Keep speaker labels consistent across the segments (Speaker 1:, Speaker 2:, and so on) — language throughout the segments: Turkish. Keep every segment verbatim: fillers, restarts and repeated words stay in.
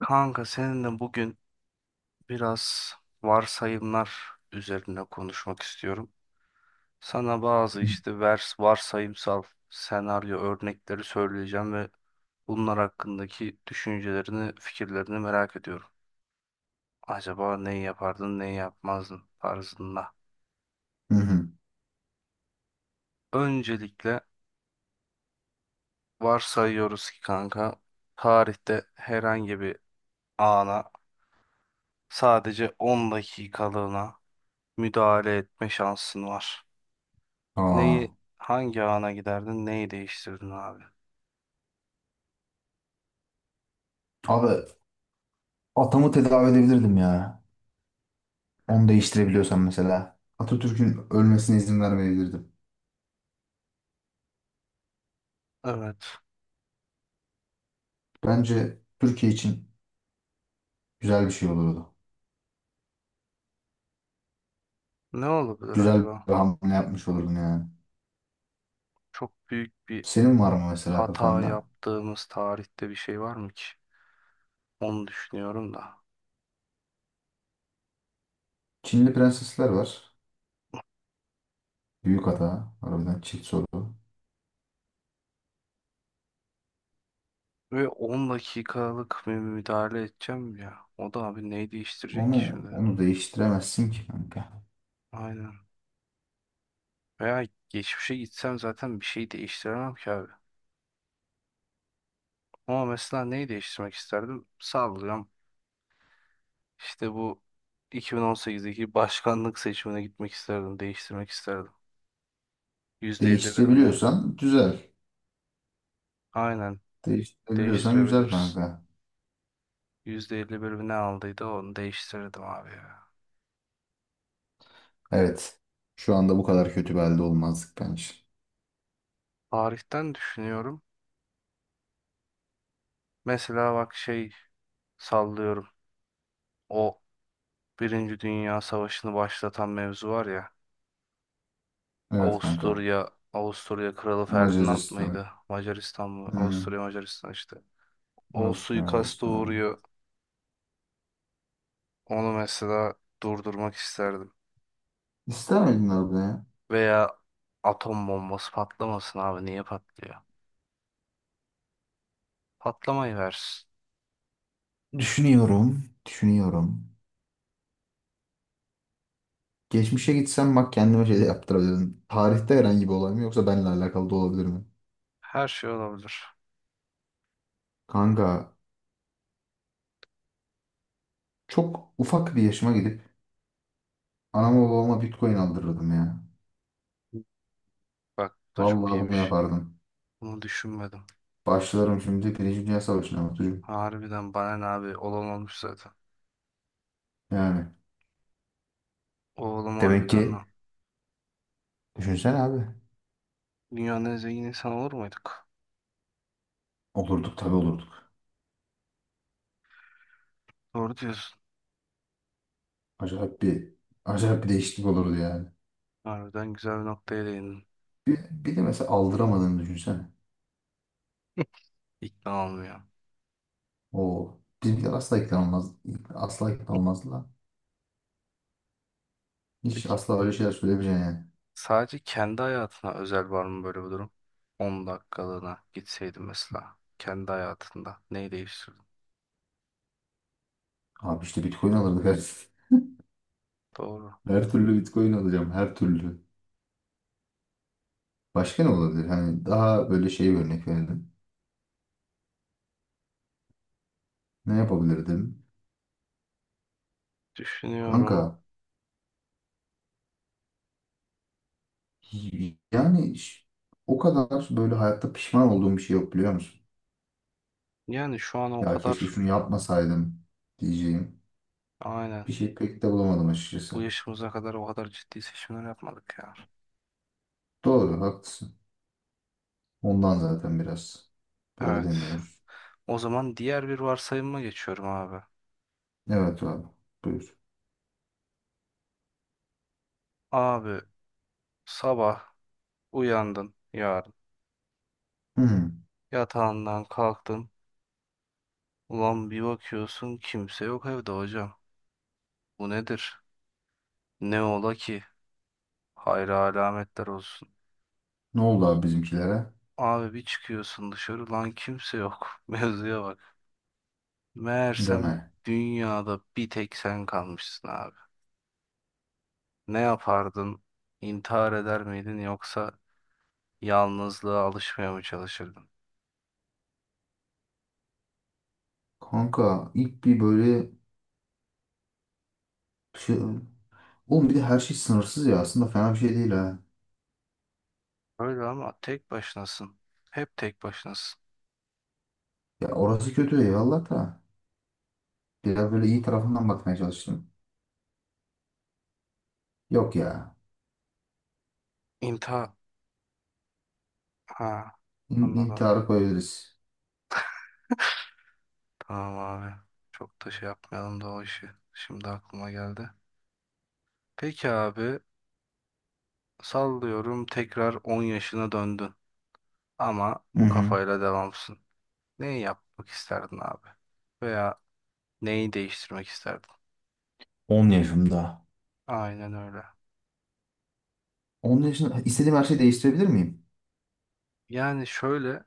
Speaker 1: Kanka seninle bugün biraz varsayımlar üzerine konuşmak istiyorum. Sana bazı
Speaker 2: Hı
Speaker 1: işte vers varsayımsal senaryo örnekleri söyleyeceğim ve bunlar hakkındaki düşüncelerini, fikirlerini merak ediyorum. Acaba neyi yapardın, neyi yapmazdın tarzında.
Speaker 2: hı.
Speaker 1: Öncelikle varsayıyoruz ki kanka tarihte herhangi bir ana sadece on dakikalığına müdahale etme şansın var.
Speaker 2: Aa.
Speaker 1: Neyi hangi ana giderdin? Neyi değiştirdin abi?
Speaker 2: Abi atamı tedavi edebilirdim ya. Onu değiştirebiliyorsam mesela. Atatürk'ün ölmesine izin vermeyebilirdim.
Speaker 1: Evet.
Speaker 2: Bence Türkiye için güzel bir şey olurdu.
Speaker 1: Ne olabilir
Speaker 2: Güzel
Speaker 1: acaba?
Speaker 2: bir hamle yapmış olurdun yani.
Speaker 1: Çok büyük bir
Speaker 2: Senin var mı mesela
Speaker 1: hata
Speaker 2: kafanda?
Speaker 1: yaptığımız tarihte bir şey var mı ki? Onu düşünüyorum da.
Speaker 2: Çinli prensesler var. Büyük hata. Harbiden çift soru.
Speaker 1: Ve on dakikalık bir müdahale edeceğim ya. O da abi neyi değiştirecek ki
Speaker 2: Onu,
Speaker 1: şimdi?
Speaker 2: onu değiştiremezsin ki kanka.
Speaker 1: Aynen. Veya geçmişe gitsem zaten bir şey değiştiremem ki abi. Ama mesela neyi değiştirmek isterdim? Sallıyorum. İşte bu iki bin on sekizdeki başkanlık seçimine gitmek isterdim, değiştirmek isterdim. yüzde elli bir mi ne?
Speaker 2: Değiştirebiliyorsan güzel.
Speaker 1: Aynen
Speaker 2: Değiştirebiliyorsan güzel
Speaker 1: değiştirebiliriz.
Speaker 2: kanka.
Speaker 1: yüzde elli bir mi ne aldıydı onu değiştirirdim abi ya.
Speaker 2: Evet. Şu anda bu kadar kötü bir halde olmazdık bence.
Speaker 1: Tarihten düşünüyorum. Mesela bak şey sallıyorum. O Birinci Dünya Savaşı'nı başlatan mevzu var ya.
Speaker 2: Evet kanka.
Speaker 1: Avusturya, Avusturya Kralı Ferdinand
Speaker 2: Macaristan.
Speaker 1: mıydı? Macaristan mı?
Speaker 2: Hmm.
Speaker 1: Avusturya Macaristan işte. O
Speaker 2: Avusturya
Speaker 1: suikasta
Speaker 2: Macaristan.
Speaker 1: uğruyor. Onu mesela durdurmak isterdim.
Speaker 2: İster miydin orada ya?
Speaker 1: Veya atom bombası patlamasın abi. Niye patlıyor? Patlamayı versin.
Speaker 2: Düşünüyorum. Düşünüyorum. Geçmişe gitsem bak kendime şey de yaptırabilirim. Tarihte herhangi bir olay mı yoksa benimle alakalı da olabilir mi?
Speaker 1: Her şey olabilir.
Speaker 2: Kanka çok ufak bir yaşıma gidip anama babama Bitcoin aldırırdım ya.
Speaker 1: Bak bu da çok
Speaker 2: Vallahi bunu
Speaker 1: iyiymiş.
Speaker 2: yapardım.
Speaker 1: Bunu düşünmedim.
Speaker 2: Başlarım şimdi Birinci Dünya Savaşı'na Batucuğum.
Speaker 1: Harbiden bana ne abi, olan olmuş zaten.
Speaker 2: Yani.
Speaker 1: Oğlum
Speaker 2: Demek
Speaker 1: harbiden
Speaker 2: ki
Speaker 1: lan.
Speaker 2: düşünsene abi.
Speaker 1: Dünyanın en zengin insanı olur muyduk?
Speaker 2: Olurduk tabii olurduk.
Speaker 1: Doğru diyorsun.
Speaker 2: Acayip bir acayip bir değişiklik olurdu yani.
Speaker 1: Harbiden güzel bir noktaya değindin.
Speaker 2: Bir, bir de mesela aldıramadığını düşünsene.
Speaker 1: İkna olmuyor.
Speaker 2: O bizimkiler asla ikna olmaz. Asla ikna olmazlar. Hiç
Speaker 1: Peki
Speaker 2: asla öyle şeyler söylemeyeceksin yani.
Speaker 1: sadece kendi hayatına özel var mı böyle bir durum? On dakikalığına gitseydin mesela kendi hayatında neyi değiştirdin?
Speaker 2: Abi işte Bitcoin alırdık her,
Speaker 1: Doğru.
Speaker 2: her türlü Bitcoin alacağım her türlü. Başka ne olabilir? Hani daha böyle şey bir örnek verelim. Ne yapabilirdim? Kanka
Speaker 1: Düşünüyorum.
Speaker 2: yani ş- o kadar böyle hayatta pişman olduğum bir şey yok biliyor musun?
Speaker 1: Yani şu an o
Speaker 2: Ya keşke
Speaker 1: kadar,
Speaker 2: şunu yapmasaydım diyeceğim.
Speaker 1: aynen,
Speaker 2: Bir şey pek de bulamadım
Speaker 1: bu
Speaker 2: açıkçası.
Speaker 1: yaşımıza kadar o kadar ciddi seçimler yapmadık ya.
Speaker 2: Doğru haklısın. Ondan zaten biraz böyle
Speaker 1: Evet.
Speaker 2: demiyoruz.
Speaker 1: O zaman diğer bir varsayıma geçiyorum abi.
Speaker 2: Evet abi buyur.
Speaker 1: Abi sabah uyandın yarın.
Speaker 2: Hı.
Speaker 1: Yatağından kalktın. Ulan bir bakıyorsun kimse yok evde hocam. Bu nedir? Ne ola ki? Hayra alametler olsun.
Speaker 2: Ne oldu abi bizimkilere?
Speaker 1: Abi bir çıkıyorsun dışarı lan kimse yok. Mevzuya bak.
Speaker 2: Deme.
Speaker 1: Meğersem dünyada bir tek sen kalmışsın abi. Ne yapardın? İntihar eder miydin yoksa yalnızlığa alışmaya mı çalışırdın?
Speaker 2: Kanka ilk bir böyle şey... Oğlum bir de her şey sınırsız ya. Aslında fena bir şey değil ha.
Speaker 1: Öyle ama tek başınasın. Hep tek başınasın.
Speaker 2: Ya orası kötü eyvallah da. Biraz böyle iyi tarafından bakmaya çalıştım. Yok ya.
Speaker 1: İnta. Ha.
Speaker 2: İn
Speaker 1: Anladım.
Speaker 2: intiharı koyabiliriz.
Speaker 1: Tamam abi. Çok da şey yapmayalım da o işi. Şimdi aklıma geldi. Peki abi. Sallıyorum tekrar on yaşına döndün. Ama
Speaker 2: Hı
Speaker 1: bu
Speaker 2: hı.
Speaker 1: kafayla devamsın. Neyi yapmak isterdin abi? Veya neyi değiştirmek isterdin?
Speaker 2: on yaşımda.
Speaker 1: Aynen öyle.
Speaker 2: on yaşında istediğim her şeyi değiştirebilir miyim?
Speaker 1: Yani şöyle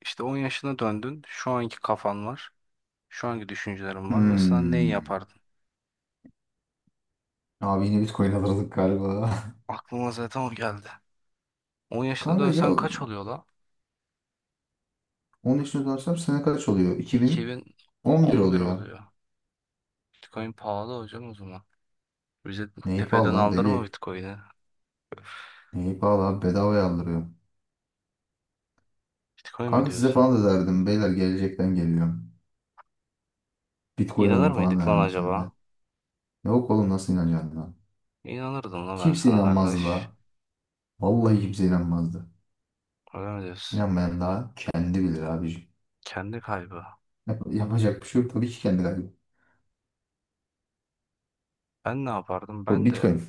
Speaker 1: işte on yaşına döndün. Şu anki kafan var. Şu anki düşüncelerin var. Mesela neyi
Speaker 2: Hmm.
Speaker 1: yapardın?
Speaker 2: Abi yine Bitcoin alırdık galiba.
Speaker 1: Aklıma zaten o geldi. on yaşına
Speaker 2: Kanka ya
Speaker 1: dönsen kaç oluyor la?
Speaker 2: on yaşını dönsem sene kaç oluyor? iki bin on bir
Speaker 1: iki bin on bir
Speaker 2: oluyor.
Speaker 1: oluyor. Bitcoin pahalı hocam o zaman. Bize
Speaker 2: Neyi pahalı
Speaker 1: tepeden
Speaker 2: lan
Speaker 1: aldırma
Speaker 2: deli.
Speaker 1: Bitcoin'i.
Speaker 2: Neyi pahalı abi bedavaya aldırıyor.
Speaker 1: Bitcoin mi
Speaker 2: Kanka size
Speaker 1: diyorsun?
Speaker 2: falan da derdim. Beyler gelecekten geliyorum. Bitcoin
Speaker 1: İnanır
Speaker 2: alın falan
Speaker 1: mıydık lan
Speaker 2: derdim size
Speaker 1: acaba?
Speaker 2: de. Yok oğlum nasıl inanacaksın lan?
Speaker 1: İnanırdım lan ben
Speaker 2: Kimse
Speaker 1: sana
Speaker 2: inanmazdı
Speaker 1: kardeş.
Speaker 2: la. Vallahi kimse inanmazdı.
Speaker 1: Öyle mi diyorsun?
Speaker 2: İnanmayan daha kendi bilir abicim.
Speaker 1: Kendi kaybı.
Speaker 2: Yap- yapacak bir şey yok. Tabii ki kendi kaybı.
Speaker 1: Ben ne yapardım?
Speaker 2: Bu
Speaker 1: Ben de
Speaker 2: Bitcoin.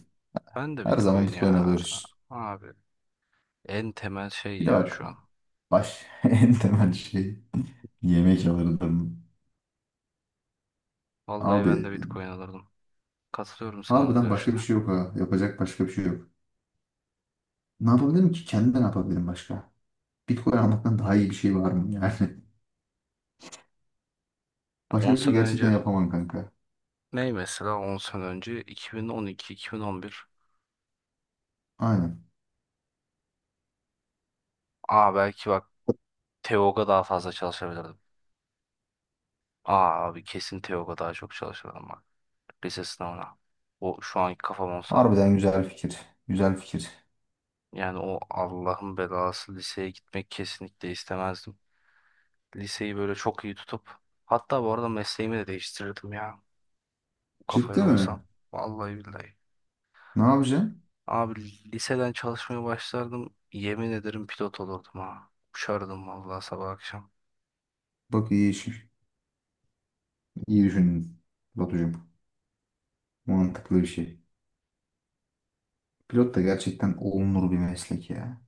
Speaker 1: ben de
Speaker 2: Her zaman
Speaker 1: Bitcoin
Speaker 2: Bitcoin
Speaker 1: ya.
Speaker 2: alıyoruz.
Speaker 1: Abi en temel şey
Speaker 2: Bir de
Speaker 1: ya
Speaker 2: bak.
Speaker 1: şu an.
Speaker 2: Baş en temel şey. Yemek alırdım.
Speaker 1: Vallahi
Speaker 2: Abi
Speaker 1: ben de Bitcoin alırdım. Katılıyorum sana bu
Speaker 2: harbiden başka bir
Speaker 1: görüşte.
Speaker 2: şey yok ha. Yapacak başka bir şey yok. Ne yapabilirim ki? Kendi ne yapabilirim başka? Bitcoin almaktan daha iyi bir şey var mı yani?
Speaker 1: on
Speaker 2: Başka bir şey
Speaker 1: sene
Speaker 2: gerçekten
Speaker 1: önce
Speaker 2: yapamam kanka.
Speaker 1: ney, mesela on sene önce iki bin on iki-iki bin on bir.
Speaker 2: Aynen.
Speaker 1: Aa belki bak, Teoga daha fazla çalışabilirdim. Aa abi kesin Teoga daha çok çalışırdım bak. Lise sınavına. O şu anki kafam olsa.
Speaker 2: Harbiden güzel fikir. Güzel fikir.
Speaker 1: Yani o Allah'ın belası liseye gitmek kesinlikle istemezdim. Liseyi böyle çok iyi tutup hatta bu arada mesleğimi de değiştirirdim ya. Bu
Speaker 2: Ciddi
Speaker 1: kafayla
Speaker 2: mi?
Speaker 1: olsam. Vallahi billahi.
Speaker 2: Ne yapacaksın?
Speaker 1: Abi liseden çalışmaya başlardım. Yemin ederim pilot olurdum ha. Uçardım vallahi sabah akşam.
Speaker 2: Bak iyi iş, iyi düşündün Batucuğum. Mantıklı bir şey. Pilot da gerçekten olunur bir meslek ya.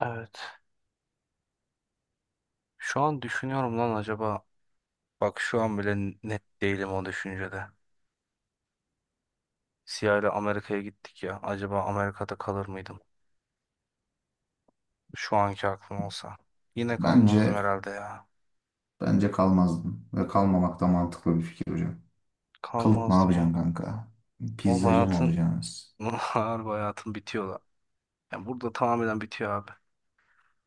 Speaker 1: Evet. Şu an düşünüyorum lan acaba. Bak şu an bile net değilim o düşüncede. Siyah ile Amerika'ya gittik ya. Acaba Amerika'da kalır mıydım? Şu anki aklım olsa. Yine
Speaker 2: Bence
Speaker 1: kalmazdım herhalde ya.
Speaker 2: bence kalmazdın ve kalmamak da mantıklı bir fikir hocam. Kalıp ne
Speaker 1: Kalmazdım
Speaker 2: yapacaksın
Speaker 1: abi.
Speaker 2: kanka?
Speaker 1: Oğlum
Speaker 2: Pizzacı mı
Speaker 1: hayatın,
Speaker 2: olacaksınız?
Speaker 1: harbi hayatın bitiyor da. Yani burada tamamen bitiyor abi.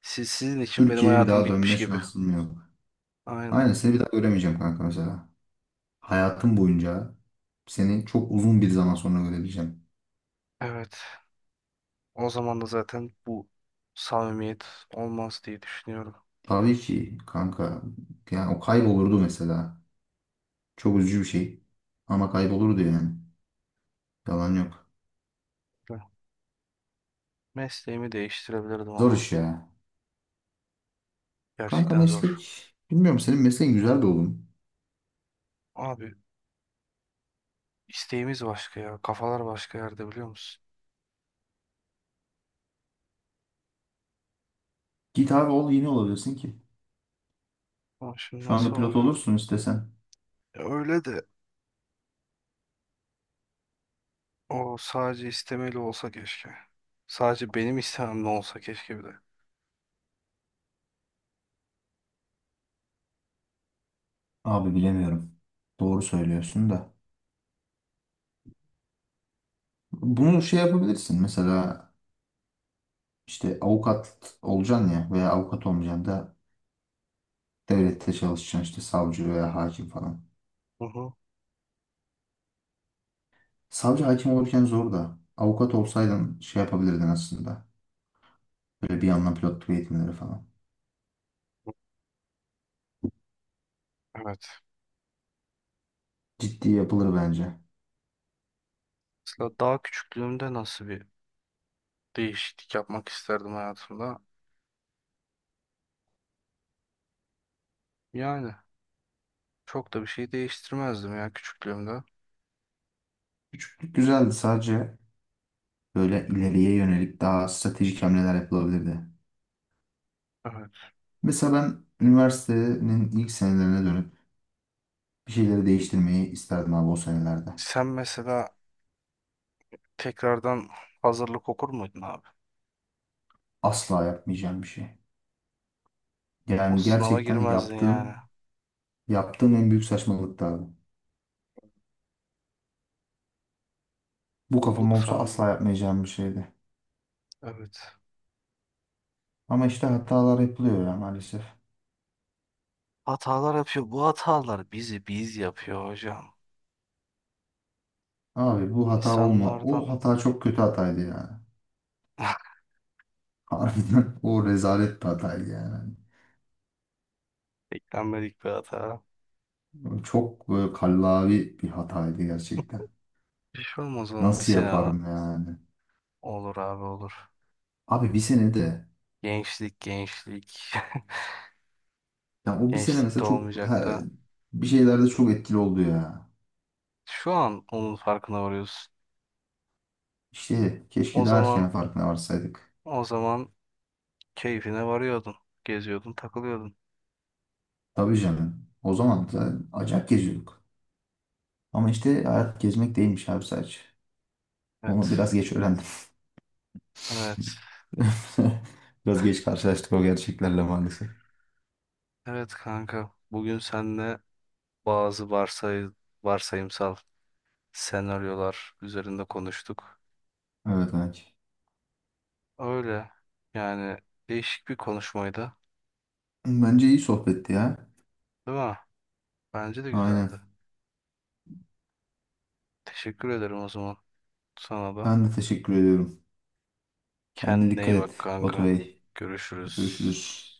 Speaker 1: Siz, sizin için benim
Speaker 2: Türkiye'ye bir
Speaker 1: hayatım
Speaker 2: daha
Speaker 1: bitmiş
Speaker 2: dönme
Speaker 1: gibi.
Speaker 2: şansın mı yok?
Speaker 1: Aynen.
Speaker 2: Aynen seni bir daha göremeyeceğim kanka mesela. Hayatım boyunca seni çok uzun bir zaman sonra görebileceğim.
Speaker 1: Evet. O zaman da zaten bu samimiyet olmaz diye düşünüyorum.
Speaker 2: Tabii ki kanka. Yani o kaybolurdu mesela. Çok üzücü bir şey. Ama kaybolurdu yani. Yalan yok.
Speaker 1: Ben mesleğimi değiştirebilirdim
Speaker 2: Zor
Speaker 1: ama.
Speaker 2: iş ya. Kanka
Speaker 1: Gerçekten zor.
Speaker 2: meslek. Bilmiyorum senin mesleğin güzel bir oğlum.
Speaker 1: Abi isteğimiz başka ya. Kafalar başka yerde biliyor musun?
Speaker 2: Git abi ol yeni olabilirsin ki.
Speaker 1: Ama şimdi
Speaker 2: Şu anda
Speaker 1: nasıl
Speaker 2: pilot
Speaker 1: olacağım?
Speaker 2: olursun istesen.
Speaker 1: Ya öyle de, o sadece istemeli olsa keşke. Sadece benim istememle olsa keşke bir de.
Speaker 2: Abi bilemiyorum. Doğru söylüyorsun da. Bunu şey yapabilirsin. Mesela işte avukat olacaksın ya veya avukat olmayacaksın da devlette çalışacaksın işte savcı veya hakim falan.
Speaker 1: Hı hı.
Speaker 2: Savcı hakim olurken zor da. Avukat olsaydın şey yapabilirdin aslında. Böyle bir yandan pilotluk eğitimleri falan.
Speaker 1: Evet.
Speaker 2: Ciddi yapılır bence.
Speaker 1: Mesela daha küçüklüğümde nasıl bir değişiklik yapmak isterdim hayatımda? Yani çok da bir şey değiştirmezdim ya küçüklüğümde.
Speaker 2: Güzeldi sadece böyle ileriye yönelik daha stratejik hamleler yapılabilirdi.
Speaker 1: Evet.
Speaker 2: Mesela ben üniversitenin ilk senelerine dönüp bir şeyleri değiştirmeyi isterdim abi o senelerde.
Speaker 1: Sen mesela tekrardan hazırlık okur muydun abi?
Speaker 2: Asla yapmayacağım bir şey.
Speaker 1: O
Speaker 2: Yani
Speaker 1: sınava
Speaker 2: gerçekten
Speaker 1: girmezdin yani.
Speaker 2: yaptığım yaptığım en büyük saçmalıktı abi. Bu kafam
Speaker 1: Bulduk
Speaker 2: olsa asla
Speaker 1: sandım.
Speaker 2: yapmayacağım bir şeydi.
Speaker 1: Evet.
Speaker 2: Ama işte hatalar yapılıyor ya maalesef.
Speaker 1: Hatalar yapıyor. Bu hatalar bizi biz yapıyor hocam.
Speaker 2: Abi bu hata olma. O
Speaker 1: İnsanlardan
Speaker 2: hata çok kötü hataydı yani. Harbiden o rezalet bir hataydı yani.
Speaker 1: beklenmedik bir hata.
Speaker 2: Çok böyle kallavi bir hataydı gerçekten.
Speaker 1: Bir şey olmaz oğlum bir
Speaker 2: Nasıl
Speaker 1: sene lan.
Speaker 2: yaparım yani?
Speaker 1: Olur abi olur.
Speaker 2: Abi bir sene de.
Speaker 1: Gençlik gençlik.
Speaker 2: Ya o bir sene
Speaker 1: gençlik de
Speaker 2: mesela çok
Speaker 1: olmayacak
Speaker 2: he-
Speaker 1: da.
Speaker 2: bir şeylerde çok etkili oldu ya.
Speaker 1: Şu an onun farkına varıyorsun.
Speaker 2: İşte
Speaker 1: O
Speaker 2: keşke daha erken
Speaker 1: zaman,
Speaker 2: farkına varsaydık.
Speaker 1: o zaman keyfine varıyordun. Geziyordun takılıyordun.
Speaker 2: Tabii canım. O zaman da acayip geziyorduk. Ama işte hayat gezmek değilmiş abi sadece. Onu
Speaker 1: Evet.
Speaker 2: biraz geç öğrendim.
Speaker 1: Evet.
Speaker 2: Biraz geç karşılaştık o gerçeklerle maalesef.
Speaker 1: Evet kanka. Bugün seninle bazı varsay varsayımsal senaryolar üzerinde konuştuk.
Speaker 2: Evet Anacığım.
Speaker 1: Öyle. Yani değişik bir konuşmaydı.
Speaker 2: Bence iyi sohbetti ya.
Speaker 1: Değil mi? Bence de
Speaker 2: Aynen.
Speaker 1: güzeldi. Teşekkür ederim o zaman sana da.
Speaker 2: Ben de teşekkür ediyorum. Kendine
Speaker 1: Kendine
Speaker 2: dikkat
Speaker 1: iyi
Speaker 2: et
Speaker 1: bak
Speaker 2: Batu
Speaker 1: kanka.
Speaker 2: Bey.
Speaker 1: Görüşürüz.
Speaker 2: Görüşürüz.